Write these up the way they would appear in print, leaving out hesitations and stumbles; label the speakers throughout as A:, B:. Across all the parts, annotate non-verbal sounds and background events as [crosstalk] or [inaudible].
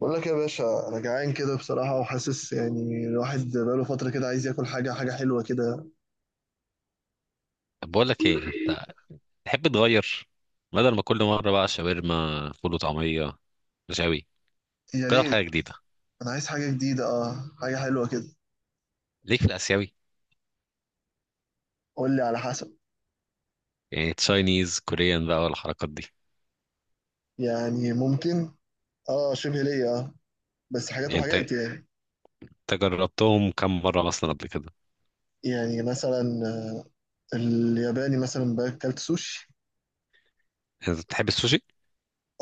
A: بقول لك يا باشا، انا جعان كده بصراحه، وحاسس يعني الواحد بقاله فتره كده عايز ياكل حاجه حلوه كده.
B: طب بقول لك ايه. انت تحب تغير بدل ما كل مره بقى شاورما فول وطعميه رشاوي.
A: يا
B: جرب
A: ريت.
B: حاجه جديده،
A: انا عايز حاجه جديده، اه، حاجه حلوه كده.
B: ليك في الاسيوي،
A: قول لي على حسب.
B: يعني تشاينيز كوريان بقى والحركات دي.
A: يعني ممكن. اه، شبه ليا، اه، بس حاجات
B: يعني انت
A: وحاجات يعني.
B: انت جربتهم كم مره مثلا قبل كده؟
A: يعني مثلا، الياباني مثلا باكلت سوشي.
B: انت بتحب السوشي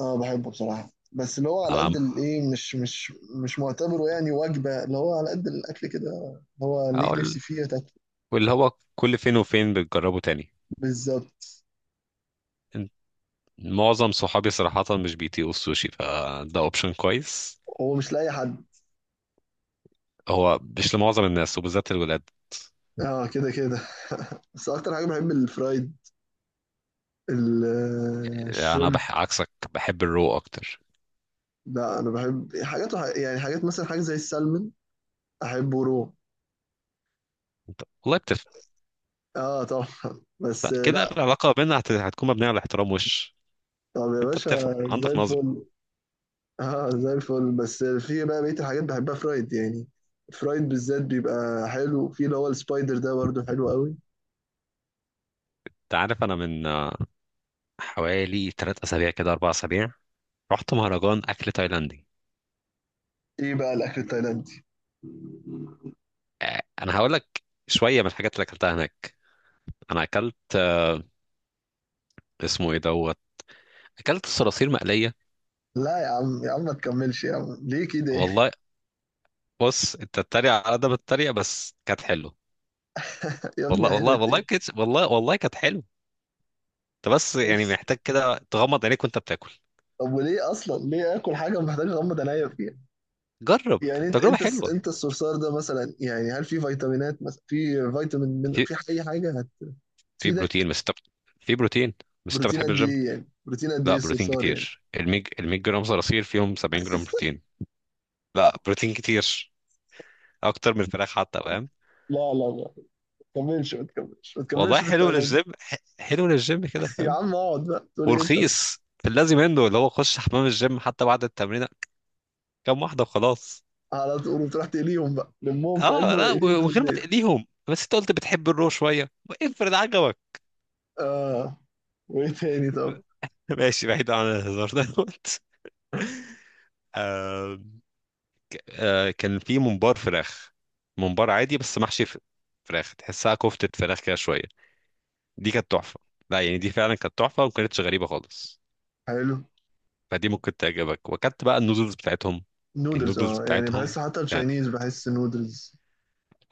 A: اه بحبه بصراحه، بس اللي هو
B: على
A: على قد
B: العام؟
A: الايه، مش معتبره يعني وجبه، اللي هو على قد الاكل كده، اللي هو
B: او
A: ليك نفسي
B: ال-
A: فيه تاكل.
B: واللي هو كل فين وفين بتجربه تاني.
A: بالظبط.
B: انت- معظم صحابي صراحه مش بيطيقوا السوشي، فده اوبشن كويس.
A: هو مش لاي حد.
B: هو مش لمعظم الناس وبالذات الولاد.
A: اه كده كده. [laughs] بس اكتر حاجه بحب الفرايد، الشrimب.
B: عكسك بحب الرو اكتر.
A: لا، انا بحب حاجات يعني حاجات مثلا، حاجه زي السلمون احبه رو.
B: انت والله؟
A: اه طبعا. [laughs] بس
B: لا كده
A: لا.
B: العلاقة بيننا هتكون مبنية على الاحترام وش.
A: طب يا
B: انت بتفهم
A: باشا، زي
B: عندك نظرة.
A: الفل. [laughs] اه زي الفل، بس في بقى بقيه الحاجات بحبها فرايد يعني. فرايد بالذات بيبقى حلو، في اللي هو السبايدر ده برضه حلو قوي.
B: انت عارف انا من حوالي 3 اسابيع كده 4 اسابيع رحت مهرجان اكل تايلاندي.
A: ايه بقى الاكل التايلاندي؟
B: انا هقول لك شوية من الحاجات اللي اكلتها هناك. انا اكلت اسمه ايه اكلت صراصير مقلية.
A: لا يا عم، يا عم ما تكملش، يا عم ليه كده؟
B: والله. بص، انت تتريق على قد ما تتريق بس كانت حلوه.
A: [laughs] يا ابني
B: والله
A: حلو.
B: والله والله كانت والله والله كانت حلوه. انت بس
A: ايه؟
B: يعني محتاج كده تغمض عينيك وانت بتاكل.
A: طب وليه اصلا، ليه اكل حاجه محتاج اغمض عينيا فيها؟
B: جرب،
A: يعني انت
B: تجربة
A: انت الس-
B: حلوة.
A: انت الصرصار ده مثلا، يعني هل في فيتامينات مثلا، في فيتامين من،
B: في
A: في اي حاجه
B: في
A: هتفيدك؟
B: بروتين، في بروتين بس انت
A: بروتين
B: بتحب
A: قد
B: الجيم.
A: ايه يعني، بروتين قد ايه
B: لا بروتين
A: الصرصار يعني؟
B: كتير، الميج الميج جرام صراصير فيهم 70 جرام بروتين.
A: [laughs]
B: لا بروتين كتير، اكتر من الفراخ حتى فاهم.
A: لا لا لا، ما تكملش، ما تكملش، ما
B: والله
A: تكملش في
B: حلو
A: التايلاند.
B: للجيم، حلو للجيم كده
A: [laughs] يا
B: فاهم.
A: عم اقعد بقى، تقول ايه انت بس؟
B: ورخيص. في اللازم منه، اللي هو خش حمام الجيم حتى بعد التمرين كام واحدة وخلاص.
A: على طول، وتروح تقليهم بقى، لمهم في علبه
B: اه لا
A: وقليهم
B: ومن
A: في
B: غير ما
A: البيت.
B: تقليهم، بس انت قلت بتحب الرو شوية، افرض عجبك.
A: اه، وايه تاني طب؟
B: [laughs] ماشي، بعيد عن الهزار. دوت آه [laughs] آه كان في ممبار فراخ. ممبار عادي بس محشي فراخ، تحسها كفتة فراخ كده شوية. دي كانت تحفه. لا يعني دي فعلا كانت تحفه وما كانتش غريبه خالص.
A: حلو.
B: فدي ممكن تعجبك. وكانت بقى النودلز بتاعتهم،
A: نودلز،
B: النودلز
A: يعني
B: بتاعتهم
A: بحس حتى
B: كانت،
A: التشاينيز بحس نودلز.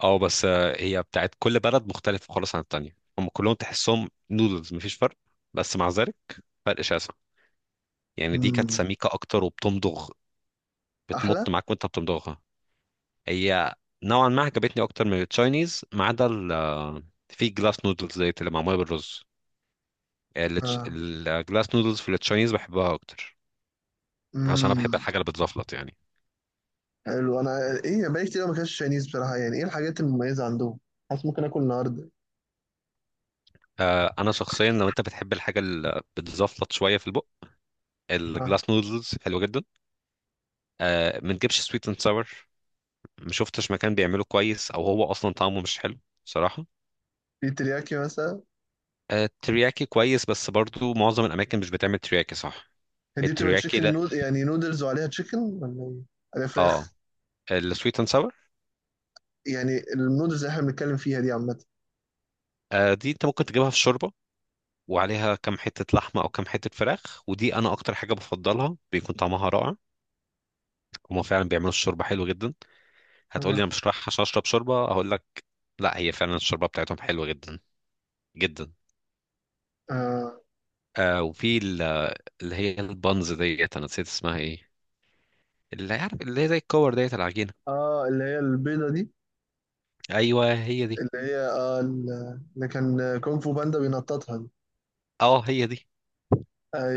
B: اه بس هي بتاعت كل بلد مختلفه خالص عن التانيه. هم كلهم تحسهم نودلز، مفيش فرق، بس مع ذلك فرق شاسع. يعني دي كانت
A: امم.
B: سميكه اكتر وبتمضغ،
A: احلى.
B: بتمط معاك وانت بتمضغها. هي نوعا ما عجبتني اكتر من التشاينيز، ما عدا في جلاس نودلز زي اللي معموله بالرز.
A: اه.
B: الجلاس نودلز في التشاينيز بحبها اكتر، يعني عشان انا بحب
A: امم.
B: الحاجه اللي بتزفلط يعني.
A: حلو، انا ايه بقالي كتير ما اكلتش تشاينيز بصراحه، يعني ايه الحاجات المميزه عندهم؟ حاسس ممكن اكل النهارده.
B: آه انا شخصيا لو انت بتحب الحاجه اللي بتزفلط شويه في البق،
A: اه.
B: الجلاس نودلز حلوه جدا. آه ما تجيبش سويت اند ساور، ما شفتش مكان بيعمله كويس، او هو اصلا طعمه مش حلو صراحه.
A: في ترياكي مثلا؟
B: آه الترياكي كويس، بس برضو معظم الاماكن مش بتعمل ترياكي صح.
A: هي دي بتبقى
B: الترياكي
A: تشيكن
B: لا.
A: نود يعني نودلز، وعليها تشيكن ولا ايه؟ عليها
B: اه
A: فراخ.
B: السويت اند ساور.
A: يعني النودلز اللي احنا بنتكلم فيها دي عامه.
B: آه دي انت ممكن تجيبها في شوربه وعليها كام حته لحمه او كام حته فراخ، ودي انا اكتر حاجه بفضلها، بيكون طعمها رائع. هما فعلا بيعملوا الشوربه حلو جدا. هتقول لي
A: اه،
B: انا مش رايح عشان اشرب شوربه، هقول لك لا، هي فعلا الشوربه بتاعتهم حلوه جدا جدا.
A: اه،
B: آه اللي هي البانز ديت، انا نسيت اسمها ايه، اللي عارف اللي هي زي الكور ديت العجينه.
A: اه، اللي هي البيضه دي،
B: ايوه هي دي.
A: اللي هي اللي كان كونغ فو باندا بينططها دي.
B: اه هي دي.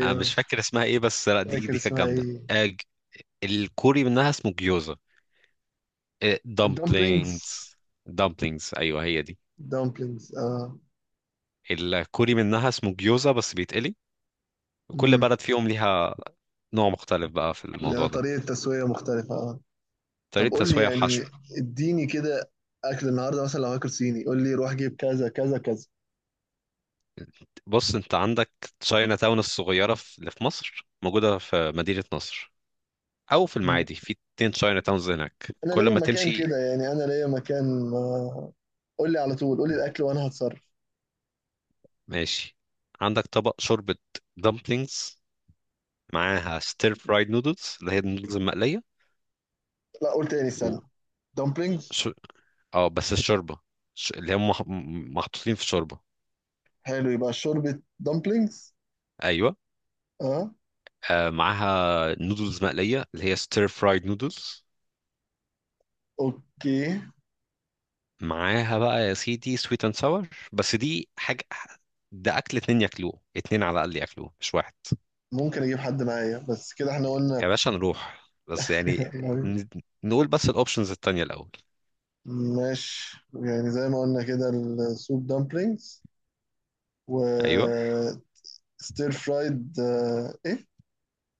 B: انا مش فاكر اسمها ايه بس
A: مش
B: لا، دي
A: فاكر
B: دي كانت
A: اسمها
B: جامده.
A: ايه.
B: آه ج- الكوري منها اسمه جيوزا.
A: الدمبلينجز.
B: دامبلينجز. دامبلينجز ايوه هي دي.
A: دمبلينجز، اه.
B: الكوري منها اسمه جيوزا بس بيتقلي. وكل
A: امم.
B: بلد فيهم ليها نوع مختلف بقى في الموضوع
A: يعني
B: ده.
A: طريقه تسويه مختلفه، اه. طب
B: طريقه
A: قول لي
B: تسويه
A: يعني،
B: وحشو.
A: اديني كده، اكل النهارده مثلا لو هاكل صيني قول لي، روح جيب كذا كذا كذا.
B: بص انت عندك تشاينا تاون الصغيرة اللي في مصر موجودة في مدينة نصر، او في
A: مم.
B: المعادي. في اتنين تشاينا تاونز هناك
A: انا
B: كل
A: ليا
B: ما
A: مكان
B: تمشي.
A: كده، يعني انا ليا مكان. قول لي على طول، قول لي الاكل وانا هتصرف.
B: ماشي. عندك طبق شوربة دمبلينجز، معاها ستير فرايد نودلز اللي هي النودلز المقلية،
A: لا، قول تاني، استنى.
B: و
A: دمبلينجز.
B: ش... اه بس الشوربة اللي هم محطوطين في شوربة.
A: حلو، يبقى شوربة دمبلينجز.
B: ايوه.
A: اه.
B: آه معاها نودلز مقلية اللي هي ستير فرايد نودلز.
A: اوكي.
B: معاها بقى يا سيدي سويت اند ساور، بس دي حاجة ده أكل اتنين ياكلوه، اتنين على الأقل ياكلوه مش واحد.
A: ممكن اجيب حد معايا، بس كده احنا قلنا.
B: يا باشا نروح بس
A: [laughs]
B: يعني
A: يعني.
B: ن- نقول بس الأوبشنز التانية الأول.
A: ماشي، يعني زي ما قلنا كده، السوب دمبلينجز،
B: أيوه
A: و ستير فرايد، ايه.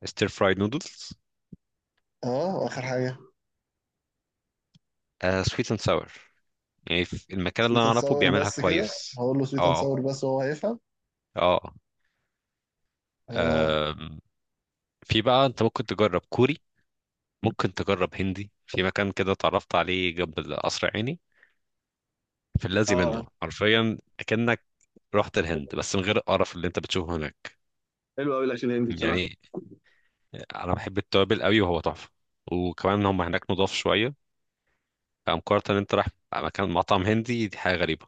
B: ستير فرايد نودلز.
A: اه، واخر حاجة،
B: سويت اند ساور، يعني في المكان اللي
A: سويت
B: أنا
A: اند
B: أعرفه
A: ساور
B: بيعملها
A: بس كده.
B: كويس.
A: هقول له سويت اند
B: اه.
A: ساور بس، وهو هيفهم.
B: اه.
A: اه.
B: آم، في بقى أنت ممكن تجرب كوري، ممكن تجرب هندي في مكان كده اتعرفت عليه جنب القصر عيني. في الذي منه
A: اه.
B: حرفيا، كأنك رحت الهند بس من غير القرف اللي انت بتشوفه هناك.
A: حلو قوي الاكل الهندي بصراحه.
B: يعني انا بحب التوابل قوي وهو تحفه. وكمان هم هناك نضاف شويه، فمقارنه ان انت رايح مكان مطعم هندي دي حاجه غريبه.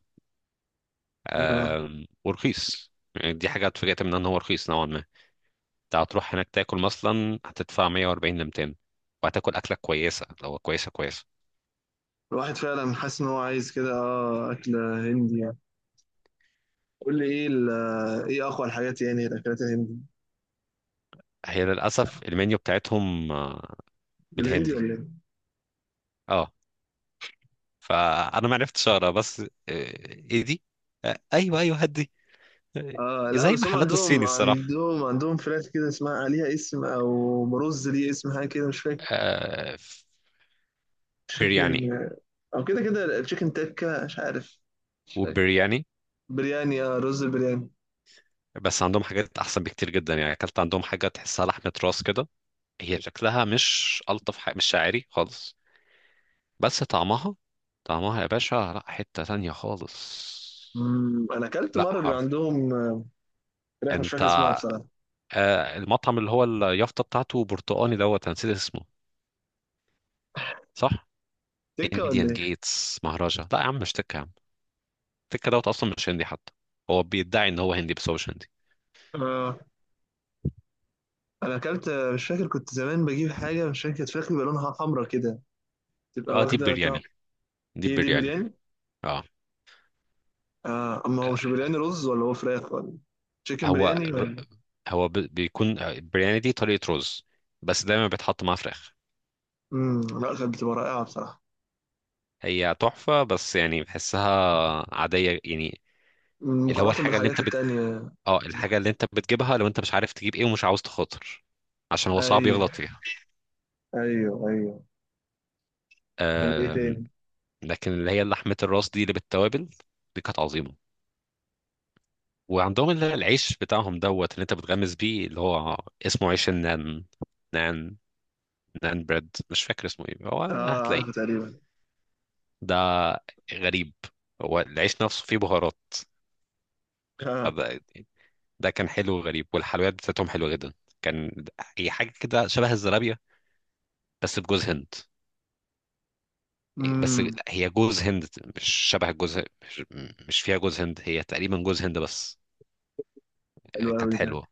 A: آه.
B: ورخيص يعني، دي حاجه اتفاجئت منها ان هو رخيص نوعا ما. انت هتروح هناك تاكل مثلا هتدفع 140 ل 200، وهتاكل اكله كويسه. لو كويسه كويسه.
A: الواحد فعلا حاسس ان هو عايز كده، اكل هندي يعني. قول لي ايه ايه اقوى الحاجات يعني، الاكلات الهندي؟
B: هي للاسف المنيو بتاعتهم
A: بالهندي
B: بالهندي.
A: ولا ايه؟
B: اه. فانا ما عرفتش اقرا، بس ايه دي، ايوه ايوه هدي. آه،
A: اه لا،
B: زي
A: بس هم
B: محلات
A: عندهم
B: الصيني الصراحه.
A: عندهم عندهم فراخ كده، اسمها عليها اسم، او برز ليه اسم حاجه كده مش فاكر.
B: آه، برياني.
A: تشيكن، او كده كده تشيكن تكه مش عارف، مش فاكر.
B: وبرياني.
A: برياني. اه، رز البرياني.
B: بس عندهم حاجات احسن بكتير جدا. يعني اكلت عندهم حاجه تحسها لحمه راس كده، هي شكلها مش الطف حاجه مش شاعري خالص، بس طعمها، طعمها يا باشا لا حته تانية خالص.
A: مم، انا اكلت
B: لا
A: مره بيبقى
B: حرف.
A: عندهم فراخ مش
B: انت
A: فاكر اسمها بصراحه.
B: المطعم اللي هو اليافطه بتاعته برتقاني، أنا نسيت اسمه. صح.
A: سكة ولا
B: انديان
A: ايه؟
B: جيتس مهرجة، لا يا عم مش تكة يا عم. التكة اصلا مش هندي حتى، هو بيدعي ان هو هندي بس هو مش هندي.
A: اه، انا اكلت، مش فاكر، كنت زمان بجيب حاجة مش فاكر، كانت فراخ بيبقى لونها حمرا كده، تبقى
B: اه دي
A: واخدة طعم.
B: برياني. دي
A: هي دي
B: برياني.
A: البرياني؟
B: اه
A: اه، اما هو مش برياني، رز ولا هو فراخ ولا؟ تشيكن
B: هو
A: برياني ولا؟
B: بيكون برياني دي طريقة رز، بس دايما بيتحط معاه فراخ.
A: امم، لا، كانت بتبقى رائعة بصراحة،
B: هي تحفة، بس يعني بحسها عادية يعني، اللي هو
A: مقارنة
B: الحاجة اللي
A: بالحاجات
B: انت بت...
A: التانية.
B: اه الحاجة اللي انت بتجيبها لو انت مش عارف تجيب ايه ومش عاوز تخاطر، عشان هو صعب
A: ايوه،
B: يغلط فيها.
A: ايوه، ايوه. طب ايه
B: آه...
A: تاني؟
B: لكن اللي هي لحمة الراس دي اللي بالتوابل، دي كانت عظيمة. وعندهم العيش بتاعهم اللي انت بتغمس بيه، اللي هو اسمه عيش النان. نان. نان بريد مش فاكر اسمه ايه، هو
A: اه عارفه
B: هتلاقيه.
A: تقريبا.
B: ده غريب، هو العيش نفسه فيه بهارات.
A: اه.
B: ده، ده كان حلو وغريب. والحلويات بتاعتهم حلوة جدا، كان، هي حاجة كده شبه الزرابية بس بجوز هند. بس لا،
A: امم.
B: هي جوز هند، مش شبه الجوز. مش, مش فيها جوز هند، هي تقريبا جوز هند بس.
A: حلو
B: كانت
A: قوي ده.
B: حلوة.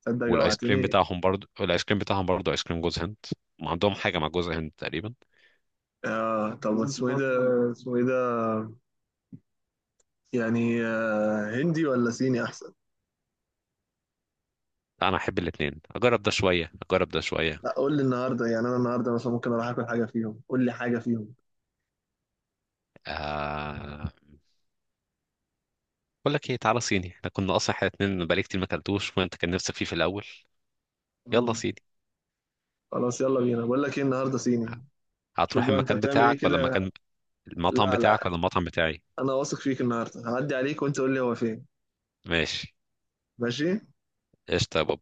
A: تصدق
B: والايس كريم
A: جوعتني.
B: بتاعهم برضو، الايس كريم بتاعهم برضو ايس كريم جوز هند. ما عندهم حاجه مع جوز هند تقريبا.
A: اه طب، اسمه ايه ده؟ اسمه ايه ده؟ يعني هندي ولا صيني احسن؟
B: انا احب الاثنين، اجرب ده شويه اجرب ده شويه.
A: لا، قول لي النهارده يعني، انا النهارده مثلا ممكن اروح اكل حاجه فيهم، قول لي حاجه فيهم.
B: آه... بقول لك ايه، تعالى صيني، احنا كنا اصلا احنا الاثنين بقالي كتير ما اكلتوش، وانت كان نفسك فيه في الاول. يلا
A: مم.
B: صيني.
A: خلاص، يلا بينا، بقول لك ايه، النهارده صيني.
B: ه-
A: شوف
B: هتروح
A: بقى انت
B: المكان
A: بتعمل ايه
B: بتاعك ولا
A: كده.
B: المكان، المطعم
A: لا
B: بتاعك
A: لا،
B: ولا المطعم بتاعي؟
A: انا واثق فيك، النهارده هعدي عليك وانت قول لي هو فين.
B: ماشي.
A: ماشي.
B: قشطه يا بابا.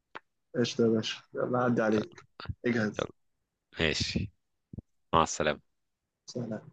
A: قشطه يا باشا، يلا هعدي عليك، اجهز.
B: يلا. ماشي. مع السلامه.
A: سلام.